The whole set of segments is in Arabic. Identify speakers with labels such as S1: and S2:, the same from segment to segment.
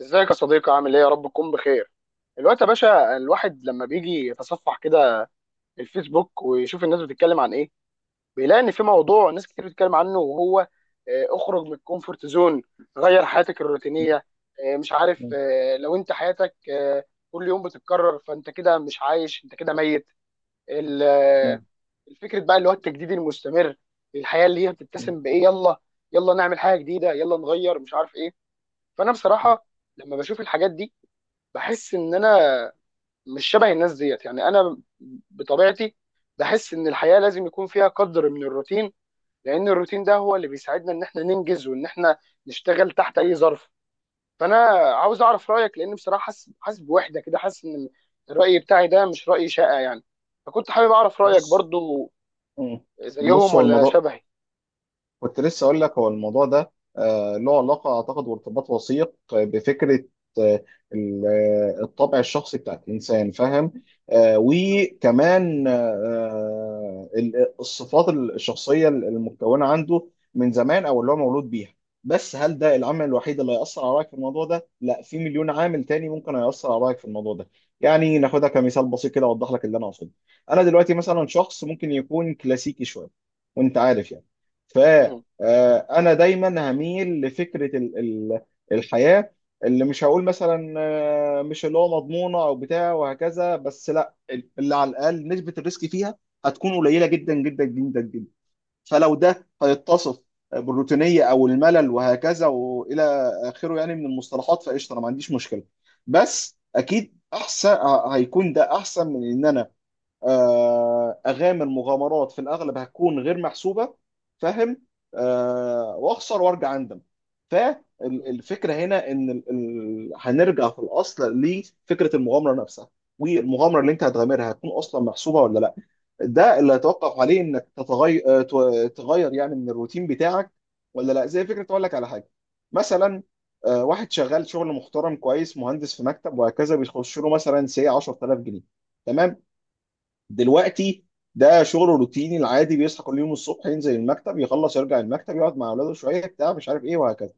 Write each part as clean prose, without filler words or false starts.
S1: ازيك يا صديقي؟ عامل ايه؟ يا رب تكون بخير. الوقت يا باشا الواحد لما بيجي يتصفح كده الفيسبوك ويشوف الناس بتتكلم عن ايه، بيلاقي ان في موضوع ناس كتير بتتكلم عنه، وهو اخرج من الكومفورت زون، غير حياتك
S2: مم.
S1: الروتينية. مش عارف، لو انت حياتك كل يوم بتتكرر، فانت كده مش عايش، انت كده ميت. ال-
S2: مم.
S1: آه، الفكرة بقى اللي هو التجديد المستمر، الحياة اللي هي
S2: مم.
S1: بتتسم بايه، يلا يلا نعمل حاجة جديدة، يلا نغير، مش عارف ايه. فانا بصراحة لما بشوف الحاجات دي بحس ان انا مش شبه الناس ديت، يعني انا بطبيعتي بحس ان الحياه لازم يكون فيها قدر من الروتين، لان الروتين ده هو اللي بيساعدنا ان احنا ننجز وان احنا نشتغل تحت اي ظرف. فانا عاوز اعرف رايك، لان بصراحه حاسس بوحده كده، حاسس ان الراي بتاعي ده مش راي شائع يعني، فكنت حابب اعرف رايك
S2: بص.
S1: برضو.
S2: مم.
S1: زيهم
S2: بص، هو
S1: ولا
S2: الموضوع،
S1: شبهي؟
S2: كنت لسه اقول لك هو الموضوع ده له علاقه اعتقد وارتباط وثيق بفكره آه، ال- الطبع الشخصي بتاع الانسان، فاهم؟
S1: مم.
S2: وكمان الصفات الشخصيه المتكونه عنده من زمان او اللي هو مولود بيها. بس هل ده العامل الوحيد اللي هيأثر على رأيك في الموضوع ده؟ لا، في مليون عامل تاني ممكن هيأثر على رأيك في الموضوع ده. يعني ناخدها كمثال بسيط كده، اوضح لك اللي انا اقصده. انا دلوقتي مثلا شخص ممكن يكون كلاسيكي شويه، وانت عارف يعني.
S1: مم.
S2: انا دايما هميل لفكره الحياه اللي مش هقول مثلا مش اللي هو مضمونه او بتاع وهكذا، بس لا، اللي على الاقل نسبه الريسك فيها هتكون قليله جدا جدا جدا جدا. فلو ده هيتصف بالروتينيه او الملل وهكذا والى اخره يعني من المصطلحات، فقشطه، انا ما عنديش مشكله. بس اكيد احسن، هيكون ده احسن من ان انا اغامر مغامرات في الاغلب هتكون غير محسوبه، فاهم، واخسر وارجع اندم.
S1: مم.
S2: فالفكره هنا ان هنرجع في الاصل لفكره المغامره نفسها. والمغامره اللي انت هتغامرها هتكون اصلا محسوبه ولا لا؟ ده اللي هيتوقف عليه انك تتغير، تغير يعني من الروتين بتاعك، ولا لا. زي فكره، اقول لك على حاجه. مثلا واحد شغال شغل محترم كويس، مهندس في مكتب وهكذا، بيخش له مثلا سي 10,000 جنيه، تمام؟ دلوقتي ده شغله روتيني العادي، بيصحى كل يوم الصبح ينزل المكتب، يخلص يرجع المكتب، يقعد مع اولاده شويه، بتاع مش عارف ايه وهكذا.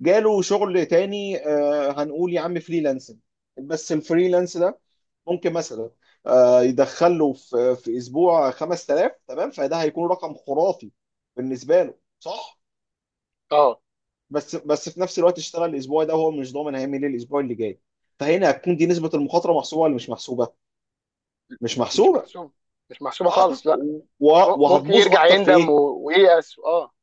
S2: جاله شغل تاني، هنقول يا عم فريلانسنج. بس الفريلانس ده ممكن مثلا يدخل له في اسبوع 5000، تمام؟ فده هيكون رقم خرافي بالنسبه له، صح؟
S1: اه.
S2: بس في نفس الوقت، اشتغل الاسبوع ده وهو مش ضامن هيعمل ايه الاسبوع اللي جاي. فهنا هتكون دي، نسبه المخاطره محسوبه ولا مش محسوبه؟ مش
S1: مش
S2: محسوبه.
S1: محسوب، مش محسوبه
S2: اه.
S1: خالص لا.
S2: و-
S1: ممكن
S2: وهتبوظ
S1: يرجع
S2: اكتر في
S1: يندم
S2: ايه؟
S1: وييأس، اه.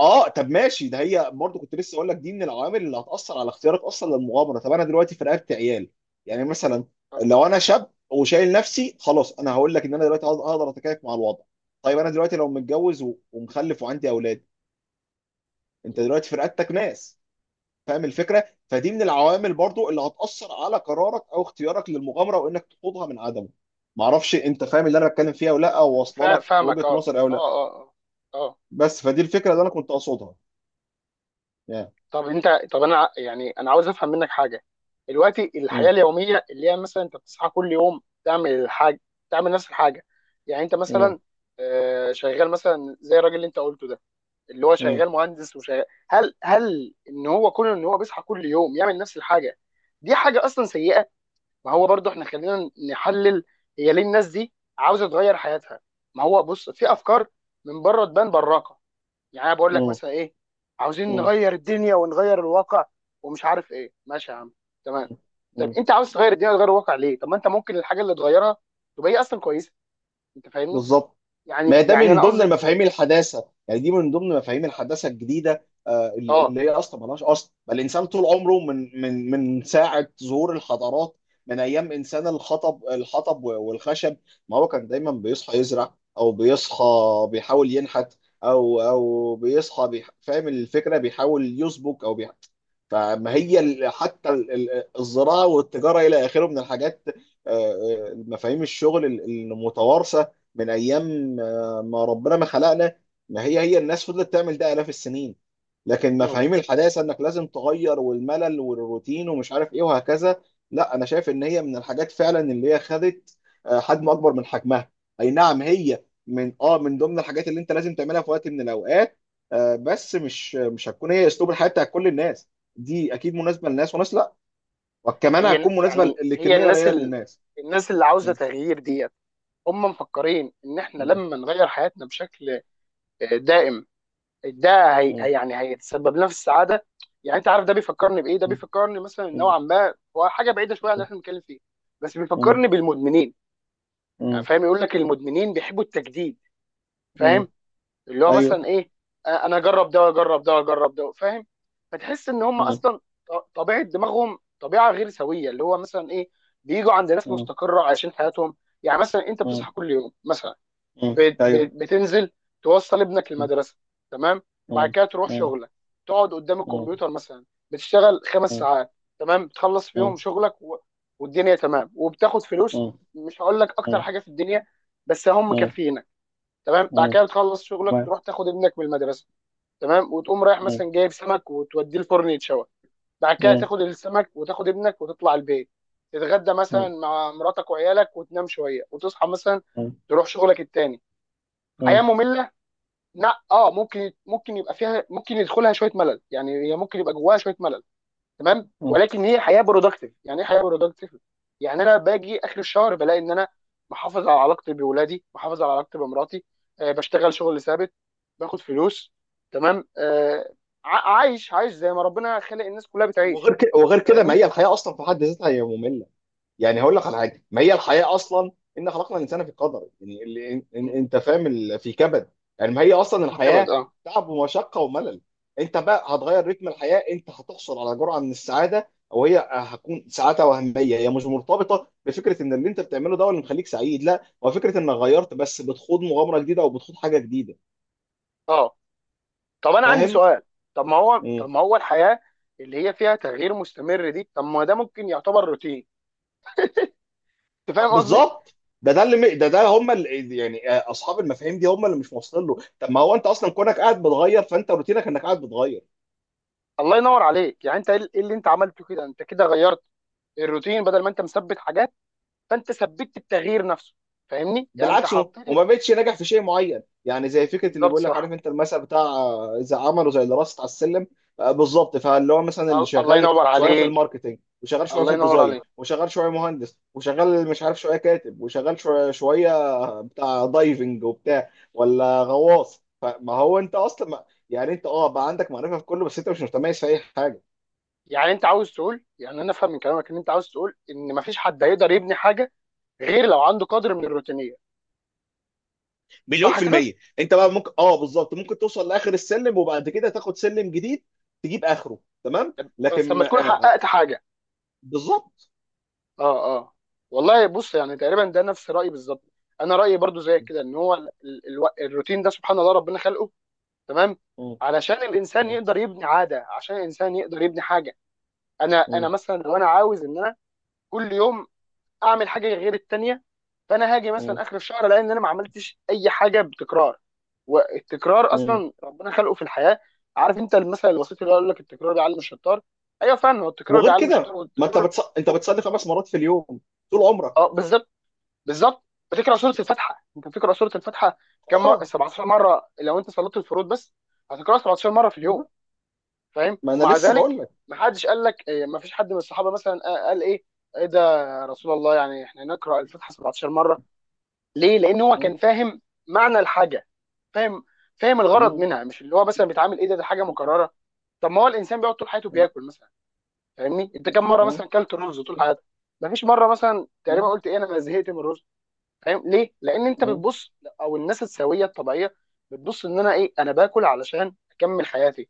S2: اه، طب ماشي، ده هي برضه كنت لسه اقول لك، دي من العوامل اللي هتاثر على اختيارك اصلا للمغامره. طب انا دلوقتي في رقبتي عيال، يعني مثلا.
S1: اه.
S2: لو انا شاب وشايل نفسي، خلاص انا هقول لك ان انا دلوقتي هقدر اتكيف مع الوضع. طيب انا دلوقتي لو متجوز ومخلف وعندي اولاد، انت دلوقتي في رقبتك ناس. فاهم الفكره؟ فدي من العوامل برضه اللي هتاثر على قرارك او اختيارك للمغامره، وانك تخوضها من عدمه. معرفش انت فاهم اللي انا بتكلم فيها ولا لا، او واصله لك
S1: فاهمك،
S2: وجهه
S1: اه
S2: نظري او لا.
S1: اه اه. اه آه.
S2: بس فدي الفكره اللي انا كنت اقصدها، يعني.
S1: طب انت، طب يعني انا عاوز افهم منك حاجه. دلوقتي الحياه
S2: مم.
S1: اليوميه اللي هي مثلا انت بتصحى كل يوم تعمل الحاجه، تعمل نفس الحاجه، يعني انت
S2: مم.
S1: مثلا شغال مثلا زي الراجل اللي انت قلته ده، اللي هو
S2: مم.
S1: شغال مهندس وشغال، هل ان هو كون ان هو بيصحى كل يوم يعمل نفس الحاجه، دي حاجه اصلا سيئه؟ ما هو برضو احنا خلينا نحلل، هي ليه الناس دي عاوزه تغير حياتها؟ ما هو بص، في افكار من بره تبان براقه، يعني انا بقول لك
S2: مم.
S1: مثلا ايه، عاوزين
S2: مم.
S1: نغير الدنيا ونغير الواقع ومش عارف ايه، ماشي يا عم، تمام. طب
S2: مم.
S1: انت عاوز تغير الدنيا وتغير الواقع ليه؟ طب ما انت ممكن الحاجه اللي تغيرها تبقى هي اصلا كويسه، انت فاهمني؟
S2: بالظبط.
S1: يعني
S2: ما ده
S1: يعني
S2: من
S1: انا
S2: ضمن
S1: قصدي
S2: المفاهيم الحداثه، يعني دي من ضمن مفاهيم الحداثه الجديده،
S1: اه.
S2: اللي هي اصلا ملهاش اصل، بل الانسان طول عمره من ساعه ظهور الحضارات، من ايام انسان الحطب والخشب، ما هو كان دايما بيصحى يزرع، او بيصحى بيحاول ينحت، او بيصحى فاهم الفكره، بيحاول يسبك او فما هي حتى الزراعه والتجاره الى اخره من الحاجات، آه، مفاهيم الشغل المتوارثه من ايام لما ربنا ما خلقنا. ما هي، هي الناس فضلت تعمل ده آلاف السنين. لكن
S1: مم.
S2: مفاهيم الحداثة انك لازم تغير والملل والروتين ومش عارف ايه وهكذا، لا، انا شايف ان هي من الحاجات فعلا اللي هي خدت حجم اكبر من حجمها. اي نعم، هي من، اه، من ضمن الحاجات اللي انت لازم تعملها في وقت من الاوقات، بس مش هتكون هي اسلوب الحياة بتاع كل الناس. دي اكيد مناسبة لناس وناس لا، وكمان
S1: هي
S2: هتكون مناسبة
S1: يعني، هي
S2: لكمية
S1: الناس
S2: قليلة من
S1: ال...
S2: الناس.
S1: الناس اللي عاوزه
S2: م-
S1: تغيير ديت، هم مفكرين ان احنا
S2: م-
S1: لما نغير حياتنا بشكل دائم، ده
S2: م-
S1: يعني هيتسبب لنا في السعاده. يعني انت عارف ده بيفكرني بايه؟ ده بيفكرني مثلا،
S2: م-
S1: نوعا ما هو حاجه بعيده شويه عن اللي
S2: م-
S1: احنا بنتكلم فيه، بس
S2: م-
S1: بيفكرني بالمدمنين. يعني
S2: م-
S1: فاهم، يقول لك المدمنين بيحبوا التجديد،
S2: م-
S1: فاهم؟ اللي هو مثلا
S2: ايوه.
S1: ايه، انا اجرب ده واجرب ده واجرب ده، فاهم؟ فتحس ان هم
S2: مم.
S1: اصلا طبيعه دماغهم طبيعه غير سويه، اللي هو مثلا ايه، بيجوا عند ناس
S2: مم.
S1: مستقره عايشين حياتهم. يعني مثلا انت بتصحى
S2: مم.
S1: كل يوم مثلا،
S2: مم. ايوه.
S1: بتنزل توصل ابنك
S2: مم.
S1: المدرسه، تمام، بعد
S2: مم.
S1: كده تروح
S2: مم.
S1: شغلك، تقعد قدام
S2: مم.
S1: الكمبيوتر مثلا، بتشتغل خمس
S2: مم.
S1: ساعات تمام، بتخلص فيهم
S2: مم.
S1: شغلك و... والدنيا تمام، وبتاخد فلوس،
S2: مم.
S1: مش هقول لك اكتر
S2: مم.
S1: حاجه في الدنيا بس هم
S2: مم.
S1: مكفينك، تمام. بعد
S2: مم.
S1: كده بتخلص شغلك،
S2: تمام.
S1: تروح تاخد ابنك من المدرسه، تمام، وتقوم رايح
S2: مم.
S1: مثلا جايب سمك وتوديه الفرن يتشوى، بعد كده
S2: مم.
S1: تاخد السمك وتاخد ابنك وتطلع البيت، تتغدى مثلا
S2: مم.
S1: مع مراتك وعيالك، وتنام شويه وتصحى مثلا تروح شغلك التاني. حياه
S2: مم.
S1: ممله؟ لا، اه، ممكن ممكن يبقى فيها، ممكن يدخلها شويه ملل، يعني هي ممكن يبقى جواها شويه ملل تمام،
S2: مم.
S1: ولكن هي حياه برودكتيف. يعني ايه حياه برودكتيف؟ يعني انا باجي اخر الشهر بلاقي ان انا محافظ على علاقتي بولادي، محافظ على علاقتي بمراتي، آه بشتغل شغل ثابت، باخد فلوس، تمام آه، عايش، عايش زي ما ربنا خلق الناس كلها بتعيش،
S2: وغير كده، ما
S1: فاهمني؟
S2: هي الحياه اصلا في حد ذاتها هي ممله. يعني هقول لك على حاجه، ما هي الحياه اصلا، ان خلقنا الانسان في قدر، يعني اللي
S1: مم.
S2: انت فاهم، في كبد. يعني ما هي اصلا
S1: في كبد،
S2: الحياه،
S1: اه.
S2: تعب ومشقه وملل. انت بقى هتغير رتم الحياه، انت هتحصل على جرعه من السعاده، او هي هتكون سعاده وهميه، هي مش مرتبطه بفكره ان اللي انت بتعمله ده هو اللي مخليك سعيد، لا، هو فكره انك غيرت، بس بتخوض مغامره جديده او بتخوض حاجه جديده.
S1: اه طب انا عندي
S2: فاهم؟
S1: سؤال، طب ما هو، طب ما هو الحياه اللي هي فيها تغيير مستمر دي، طب ما ده ممكن يعتبر روتين، انت فاهم قصدي؟
S2: بالظبط. ده هم اللي، يعني اصحاب المفاهيم دي هم اللي مش واصلين له. طب ما هو انت اصلا كونك قاعد بتغير، فانت روتينك انك قاعد بتغير.
S1: الله ينور عليك، يعني انت ايه اللي انت عملته كده؟ انت كده غيرت الروتين، بدل ما انت مثبت حاجات، فانت ثبتت التغيير نفسه، فاهمني؟ يعني انت
S2: بالعكس،
S1: حطيت.
S2: وما بقتش ناجح في شيء معين. يعني زي فكره اللي
S1: بالظبط،
S2: بيقول لك، عارف
S1: صح.
S2: انت المثل بتاع اذا عملوا زي اللي راست على السلم. بالظبط. فاللي هو مثلا، اللي
S1: الله
S2: شغال
S1: ينور
S2: شويه في
S1: عليك،
S2: الماركتينج، وشغال شويه
S1: الله
S2: في
S1: ينور
S2: الديزاين،
S1: عليك.
S2: وشغال شويه مهندس، وشغال مش عارف شويه كاتب، وشغال شويه شويه بتاع دايفنج وبتاع، ولا غواص، فما هو انت اصلا ما، يعني انت اه، بقى عندك معرفه في كله، بس انت مش متميز في اي حاجه.
S1: يعني انت عاوز تقول، يعني انا افهم من كلامك ان انت عاوز تقول ان مفيش حد هيقدر يبني حاجه غير لو عنده قدر من الروتينيه،
S2: مليون
S1: صح
S2: في
S1: كده؟
S2: المية. انت بقى ممكن، اه، بالظبط، ممكن توصل لاخر السلم وبعد كده تاخد سلم جديد، تجيب اخره، تمام،
S1: بس
S2: لكن
S1: لما تكون
S2: آه،
S1: حققت حاجه،
S2: بالظبط.
S1: اه اه. والله بص، يعني تقريبا ده نفس رايي بالظبط، انا رايي برضو زي كده، ان هو الروتين ده سبحان الله ربنا خلقه، تمام،
S2: م-
S1: علشان الانسان
S2: م-
S1: يقدر يبني عاده، عشان الانسان يقدر يبني حاجه. انا
S2: م-
S1: مثلا لو انا عاوز ان انا كل يوم اعمل حاجه غير التانيه، فانا هاجي
S2: م-
S1: مثلا اخر الشهر الاقي ان انا ما عملتش اي حاجه بتكرار. والتكرار
S2: م.
S1: اصلا ربنا خلقه في الحياه، عارف انت المثل الوسيط اللي يقول لك التكرار بيعلم الشطار، ايوه فعلا، هو التكرار
S2: وغير
S1: بيعلم الشطار،
S2: كده، ما انت
S1: والتكرار
S2: انت
S1: هو-
S2: بتصلي 5 مرات في اليوم طول عمرك.
S1: اه بالظبط، بالظبط. بتقرا سوره الفاتحه، انت بتقرا سوره الفاتحه كم مره؟
S2: اه،
S1: 17 مره لو انت صليت الفروض بس، هتقراها 17 مره في اليوم، فاهم؟
S2: ما انا
S1: ومع
S2: لسه
S1: ذلك
S2: بقول لك.
S1: ما حدش قال لك ما فيش حد من الصحابه مثلا قال ايه، ايه ده يا رسول الله، يعني احنا نقرا الفاتحه 17 مره! ليه؟ لان هو
S2: م-
S1: كان فاهم معنى الحاجه، فاهم؟ فاهم
S2: م-
S1: الغرض
S2: م-
S1: منها، مش اللي هو مثلا بيتعامل ايه ده، ده حاجه مكرره. طب ما هو الانسان بيقعد طول حياته
S2: م-
S1: بياكل مثلا، فاهمني؟ انت كم مره
S2: م-
S1: مثلا اكلت رز طول حياتك؟ ما فيش مره مثلا تقريبا
S2: م-
S1: قلت ايه انا زهقت من الرز، فاهم ليه؟ لان انت
S2: م-
S1: بتبص، او الناس السويه الطبيعيه بتبص ان انا ايه، انا باكل علشان اكمل حياتي،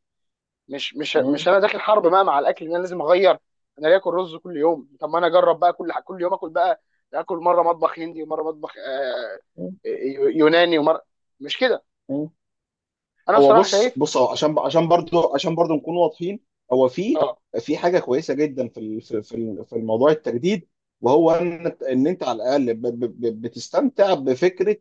S1: مش مش مش انا داخل حرب بقى مع الاكل ان انا لازم اغير، انا ليه اكل رز كل يوم، طب ما انا اجرب بقى، كل يوم اكل بقى، اكل مره مطبخ هندي، ومره مطبخ
S2: م-
S1: يوناني، ومره، مش كده.
S2: م-
S1: انا
S2: هو،
S1: بصراحه
S2: بص
S1: شايف،
S2: بص، اه عشان، عشان برضو نكون واضحين، هو في
S1: اه،
S2: حاجه كويسه جدا في الموضوع التجديد، وهو ان انت على الاقل بتستمتع بفكره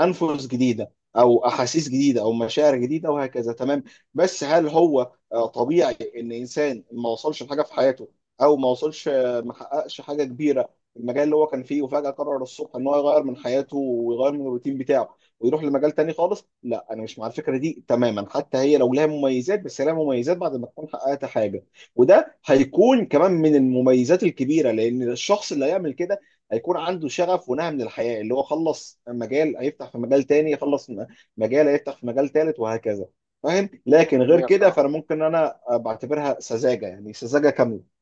S2: انفس جديده او احاسيس جديده او مشاعر جديده وهكذا، تمام. بس هل هو طبيعي ان انسان ما وصلش لحاجه في حياته، او ما وصلش ما حققش حاجه كبيره في المجال اللي هو كان فيه، وفجاه قرر الصبح ان هو يغير من حياته ويغير من الروتين بتاعه ويروح لمجال تاني خالص. لا، انا مش مع الفكره دي تماما، حتى هي لو لها مميزات، بس لها مميزات بعد ما تكون حققت حاجه. وده هيكون كمان من المميزات الكبيره، لان الشخص اللي هيعمل كده هيكون عنده شغف ونهى من الحياه، اللي هو خلص مجال هيفتح في مجال تاني، خلص مجال هيفتح في مجال تالت وهكذا. فاهم. لكن غير
S1: 100%
S2: كده
S1: بصراحه،
S2: فانا ممكن انا بعتبرها سذاجه، يعني سذاجه كامله.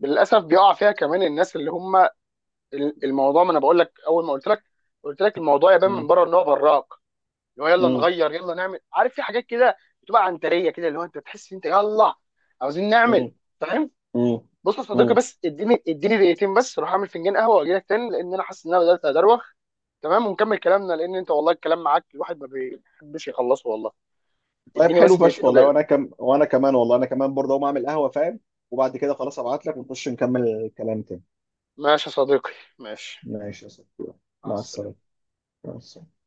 S1: للاسف بيقع فيها كمان الناس اللي هم، الموضوع، ما انا بقول لك اول ما قلت لك، قلت لك الموضوع يبان
S2: م-
S1: من بره ان هو براك، اللي هو يلا
S2: م-
S1: نغير يلا نعمل، عارف في حاجات كده بتبقى عنتريه كده، اللي هو انت تحس إن انت يلا عاوزين نعمل،
S2: م-
S1: فاهم؟
S2: م-
S1: بص يا صديقي،
S2: م.
S1: بس اديني 2 دقيقة بس، اروح اعمل فنجان قهوه واجي لك تاني، لان انا حاسس ان انا بدات ادروخ، تمام، ونكمل كلامنا، لان انت والله الكلام معاك الواحد ما بيحبش يخلصه، والله
S2: طيب،
S1: اديني
S2: حلو
S1: بس
S2: فشخ
S1: 2 دقيقة
S2: والله.
S1: وجاي لك.
S2: وانا وانا كمان، والله انا كمان برضه اقوم اعمل قهوه، فاهم، وبعد كده خلاص ابعت لك ونخش نكمل الكلام تاني.
S1: ماشي يا صديقي، ماشي.
S2: ماشي يا صاحبي.
S1: مع
S2: مع السلامه.
S1: السلامه.
S2: مع السلامه.